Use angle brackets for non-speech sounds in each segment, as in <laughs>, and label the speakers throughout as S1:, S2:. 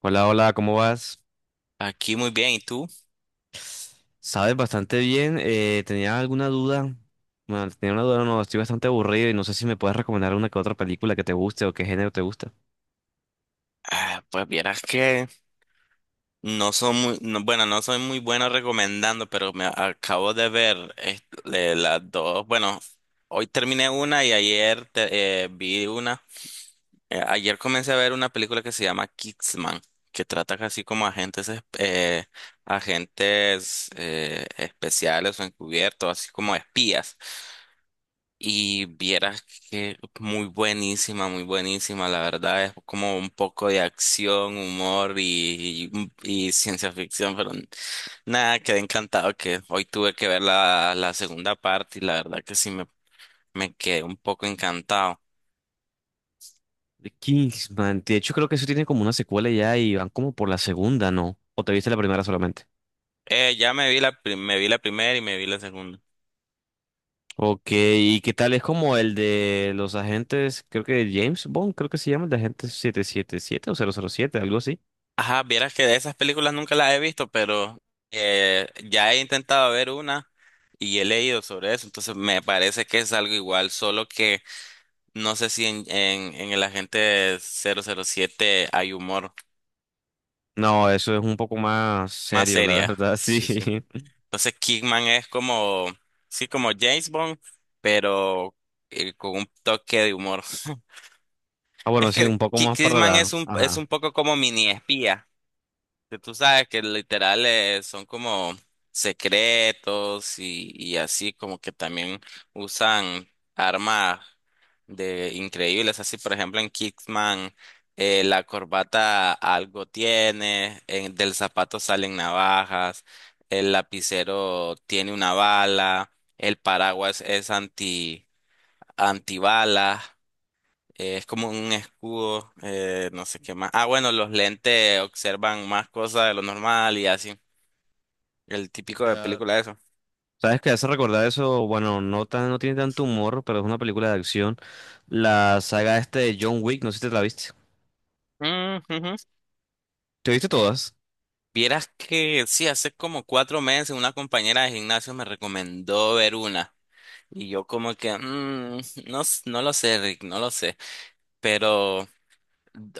S1: Hola, hola, ¿cómo vas?
S2: Aquí muy bien, ¿y tú?
S1: Sabes bastante bien. ¿Tenía alguna duda? Bueno, tenía una duda, no, estoy bastante aburrido y no sé si me puedes recomendar una que otra película que te guste o qué género te gusta.
S2: Ah, pues vieras que no soy muy, no soy muy bueno recomendando, pero me acabo de ver este, las dos. Bueno, hoy terminé una y ayer vi una. Ayer comencé a ver una película que se llama Kingsman, que trata casi como agentes, agentes especiales o encubiertos, así como espías. Y vieras que muy buenísima, la verdad es como un poco de acción, humor y ciencia ficción, pero nada, quedé encantado que hoy tuve que ver la segunda parte y la verdad que sí me quedé un poco encantado.
S1: The Kingsman, de hecho creo que eso tiene como una secuela ya y van como por la segunda, ¿no? ¿O te viste la primera solamente?
S2: Ya me vi me vi la primera y me vi la segunda.
S1: Ok, ¿y qué tal es como el de los agentes, creo que James Bond, creo que se llama el de agente 777 o 007 algo así?
S2: Ajá, vieras que de esas películas nunca las he visto, pero ya he intentado ver una y he leído sobre eso, entonces me parece que es algo igual, solo que no sé si en el agente 007 hay humor
S1: No, eso es un poco más
S2: más
S1: serio, la
S2: seria.
S1: verdad, sí.
S2: Sí, sí.
S1: <laughs>
S2: Entonces, Kingman es como, sí, como James Bond, pero con un toque de humor. <laughs>
S1: Ah, bueno,
S2: Es
S1: sí, un
S2: que
S1: poco más para
S2: Kingman
S1: la...
S2: es
S1: ajá.
S2: un poco como mini espía, que tú sabes que literal son como secretos y así como que también usan armas de increíbles, así por ejemplo en Kickman la corbata algo tiene, del zapato salen navajas, el lapicero tiene una bala, el paraguas es anti antibalas. Es como un escudo, no sé qué más. Ah, bueno, los lentes observan más cosas de lo normal y así. El típico de
S1: sea,
S2: película de eso.
S1: ¿sabes qué hace recordar eso? Bueno, no tan, no tiene tanto humor, pero es una película de acción. La saga este de John Wick, no sé si te la viste.
S2: Mm, ujú.
S1: ¿Te viste todas?
S2: Vieras que sí, hace como cuatro meses una compañera de gimnasio me recomendó ver una. Y yo como que, mm, no, no lo sé, Rick, no lo sé. Pero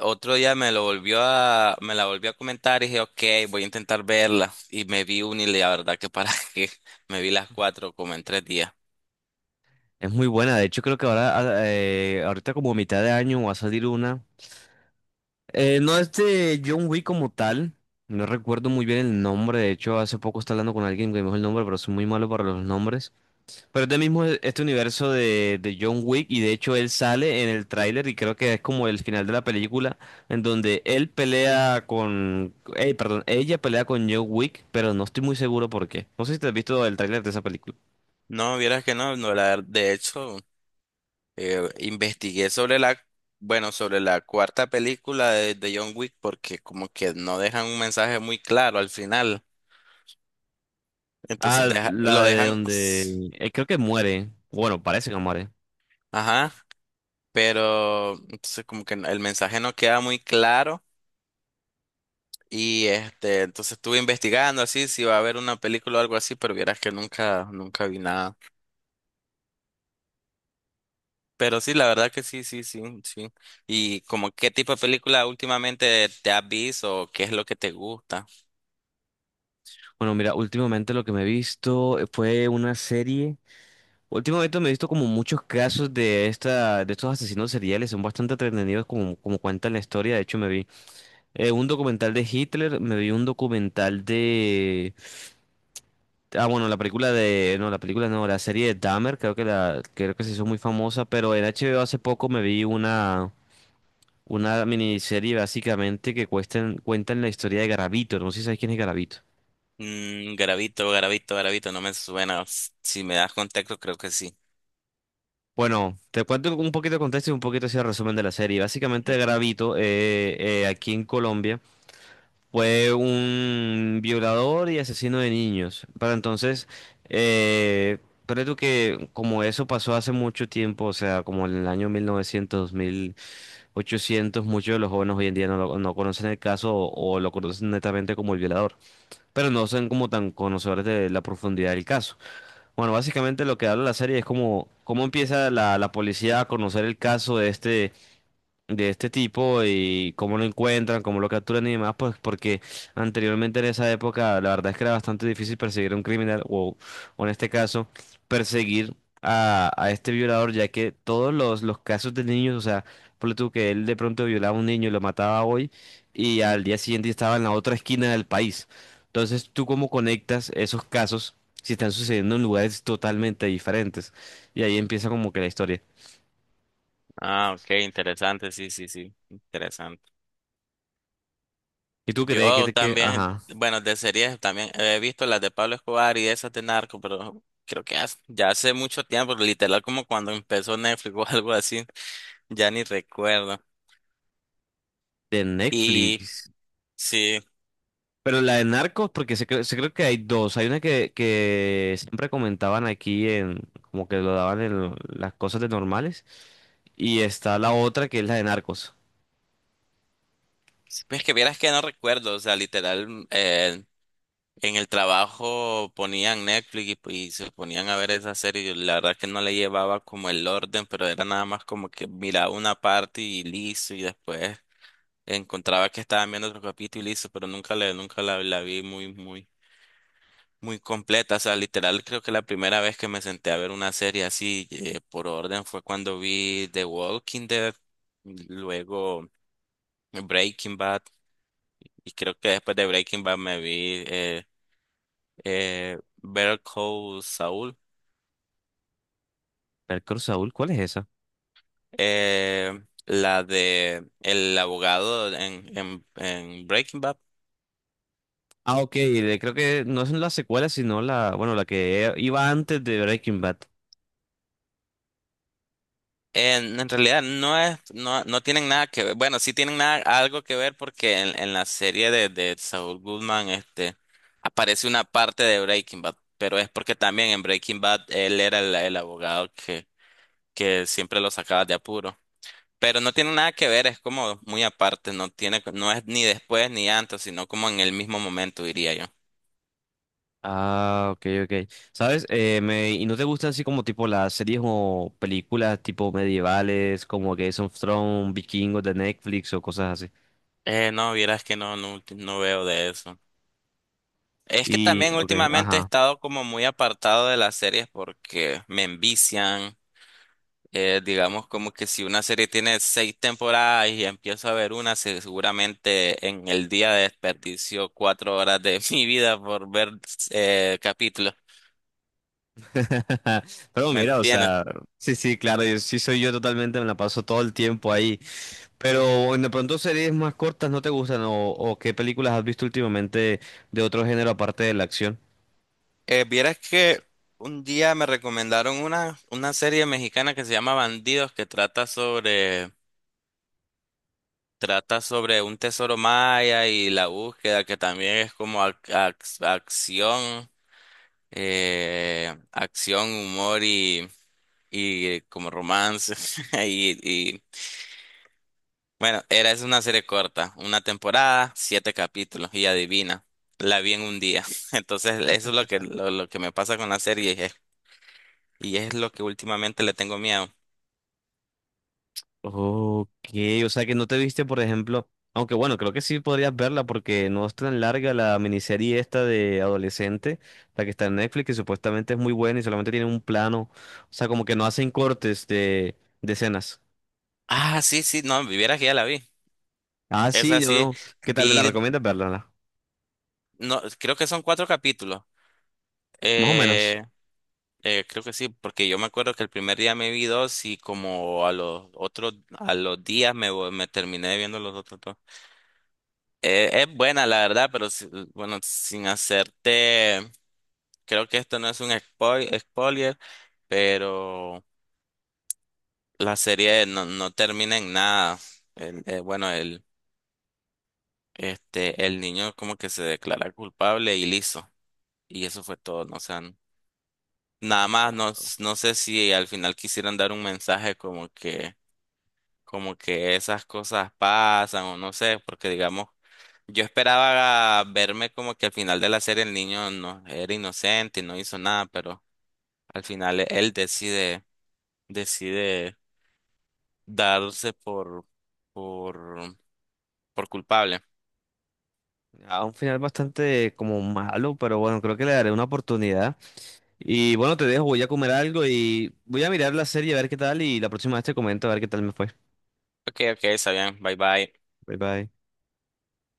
S2: otro día me la volvió a comentar y dije, ok, voy a intentar verla. Y me vi una y la verdad que para <laughs> que me vi las cuatro como en tres días.
S1: Es muy buena. De hecho, creo que ahora, ah, ahorita como a mitad de año va a salir una. No es de John Wick como tal. No recuerdo muy bien el nombre. De hecho, hace poco estaba hablando con alguien que me dijo el nombre, pero soy muy malo para los nombres. Pero es del mismo este universo de John Wick y de hecho él sale en el tráiler y creo que es como el final de la película en donde él pelea con... perdón, ella pelea con John Wick, pero no estoy muy seguro por qué. No sé si te has visto el tráiler de esa película.
S2: No, vieras que no, no la, de hecho, investigué sobre la, bueno, sobre la cuarta película de John Wick porque como que no dejan un mensaje muy claro al final, entonces
S1: Ah, la de donde... creo que muere. Bueno, parece que muere.
S2: ajá, pero entonces como que el mensaje no queda muy claro y este, entonces estuve investigando así si va a haber una película o algo así, pero vieras que nunca, nunca vi nada. Pero sí, la verdad que sí, sí, sí, sí. ¿Y como qué tipo de película últimamente te has visto o qué es lo que te gusta?
S1: Bueno, mira, últimamente lo que me he visto fue una serie. Últimamente me he visto como muchos casos de estos asesinos seriales, son bastante entretenidos como cuentan la historia. De hecho, me vi un documental de Hitler, me vi un documental de... Ah, bueno, la película de... No, la película no, la serie de Dahmer, creo que la... creo que se hizo muy famosa, pero en HBO hace poco me vi una miniserie básicamente que cuentan la historia de Garavito, no sé si sabes quién es Garavito.
S2: Mm, Gravito, Gravito, Gravito, no me suena. Si me das contexto, creo que sí.
S1: Bueno, te cuento un poquito de contexto y un poquito así el resumen de la serie. Básicamente
S2: Ok.
S1: Garavito, aquí en Colombia. Fue un violador y asesino de niños. Pero entonces, eh, pero tú que como eso pasó hace mucho tiempo, o sea, como en el año mil novecientos mil ochocientos, muchos de los jóvenes hoy en día no, no conocen el caso o lo conocen netamente como el violador, pero no son como tan conocedores de la profundidad del caso. Bueno, básicamente lo que habla la serie es como cómo empieza la policía a conocer el caso de este tipo y cómo lo encuentran, cómo lo capturan y demás, pues porque anteriormente en esa época la verdad es que era bastante difícil perseguir a un criminal o en este caso perseguir a este violador, ya que todos los casos de niños, o sea, ponle tú que él de pronto violaba a un niño y lo mataba hoy y al día siguiente estaba en la otra esquina del país. Entonces, ¿tú cómo conectas esos casos si están sucediendo en lugares totalmente diferentes? Y ahí empieza como que la historia.
S2: Ah, ok, interesante, sí, sí, sí, interesante.
S1: ¿Y tú crees que,
S2: Yo
S1: te que,
S2: también,
S1: ajá?
S2: bueno, de series también he visto las de Pablo Escobar y esas de Narco, pero creo que ya hace mucho tiempo, literal como cuando empezó Netflix <laughs> o algo así, ya ni recuerdo.
S1: De
S2: Y
S1: Netflix.
S2: sí.
S1: Pero la de Narcos, porque se creo que hay dos. Hay una que siempre comentaban aquí en, como que lo daban en las cosas de normales. Y está la otra que es la de Narcos.
S2: Sí, pues que vieras que no recuerdo, o sea, literal, en el trabajo ponían Netflix y se ponían a ver esa serie. Yo la verdad que no le llevaba como el orden, pero era nada más como que miraba una parte y listo, y después encontraba que estaban viendo otro capítulo y listo, pero nunca la vi muy, muy, muy completa. O sea, literal, creo que la primera vez que me senté a ver una serie así, por orden fue cuando vi The Walking Dead, luego Breaking Bad. Y creo que después de Breaking Bad me vi Better Call Saul,
S1: Narcos Saúl, ¿cuál es esa?
S2: eh, la de el abogado en Breaking Bad.
S1: Ah, ok, creo que no es la secuela, sino la, bueno, la que iba antes de Breaking Bad.
S2: En realidad no, no tienen nada que ver. Bueno, sí tienen nada, algo que ver porque en la serie de Saul Goodman este, aparece una parte de Breaking Bad, pero es porque también en Breaking Bad él era el abogado que siempre lo sacaba de apuro. Pero no tiene nada que ver, es como muy aparte, no es ni después ni antes, sino como en el mismo momento, diría yo.
S1: Ah, ok, ok. ¿Sabes? Me, ¿y no te gustan así como tipo las series o películas tipo medievales, como Game of Thrones, Vikingos de Netflix o cosas así?
S2: No, vieras que no, no, no veo de eso. Es que
S1: Y,
S2: también
S1: ok,
S2: últimamente he
S1: ajá.
S2: estado como muy apartado de las series porque me envician. Digamos como que si una serie tiene seis temporadas y empiezo a ver una, seguramente en el día desperdicio cuatro horas de <laughs> mi vida por ver capítulos.
S1: <laughs> Pero
S2: ¿Me
S1: mira, o
S2: entiendes?
S1: sea, sí, sí, claro, yo, sí soy yo totalmente, me la paso todo el tiempo ahí. Pero bueno, de pronto series más cortas no te gustan o qué películas has visto últimamente de otro género aparte de la acción.
S2: Vieras que un día me recomendaron una serie mexicana que se llama Bandidos, que trata sobre un tesoro maya y la búsqueda, que también es como acción, acción, humor y como romance. <laughs> Y, y bueno, es una serie corta, una temporada, siete capítulos, y adivina, la vi en un día. <laughs> Entonces, eso es lo que me pasa con la serie. Y es lo que últimamente le tengo miedo.
S1: Ok, o sea que no te viste, por ejemplo, aunque bueno, creo que sí podrías verla porque no es tan larga la miniserie esta de adolescente, la que está en Netflix, que supuestamente es muy buena y solamente tiene un plano, o sea, como que no hacen cortes de escenas.
S2: Ah, sí, sí, no, viviera que ya la vi.
S1: Ah,
S2: Es
S1: sí,
S2: así
S1: yo, ¿qué tal? Me la
S2: vi,
S1: recomiendas verla,
S2: no, creo que son cuatro capítulos.
S1: más o menos.
S2: Eh, Creo que sí, porque yo me acuerdo que el primer día me vi dos y como a los otros, a los días me terminé viendo los otros dos. Es buena, la verdad, pero bueno, sin hacerte, creo que esto no es un spoiler, pero la serie no termina en nada. El- eh, bueno, el, el niño como que se declara culpable y listo. Y eso fue todo, ¿no? O sea, nada más, no, no sé si al final quisieran dar un mensaje como que esas cosas pasan o no sé, porque digamos, yo esperaba verme como que al final de la serie el niño no era inocente y no hizo nada, pero al final él decide darse por, por culpable.
S1: A un final bastante como malo, pero bueno, creo que le daré una oportunidad. Y bueno, te dejo, voy a comer algo y voy a mirar la serie a ver qué tal y la próxima vez te comento a ver qué tal me fue.
S2: Ok, ok, está bien, bye bye.
S1: Bye bye.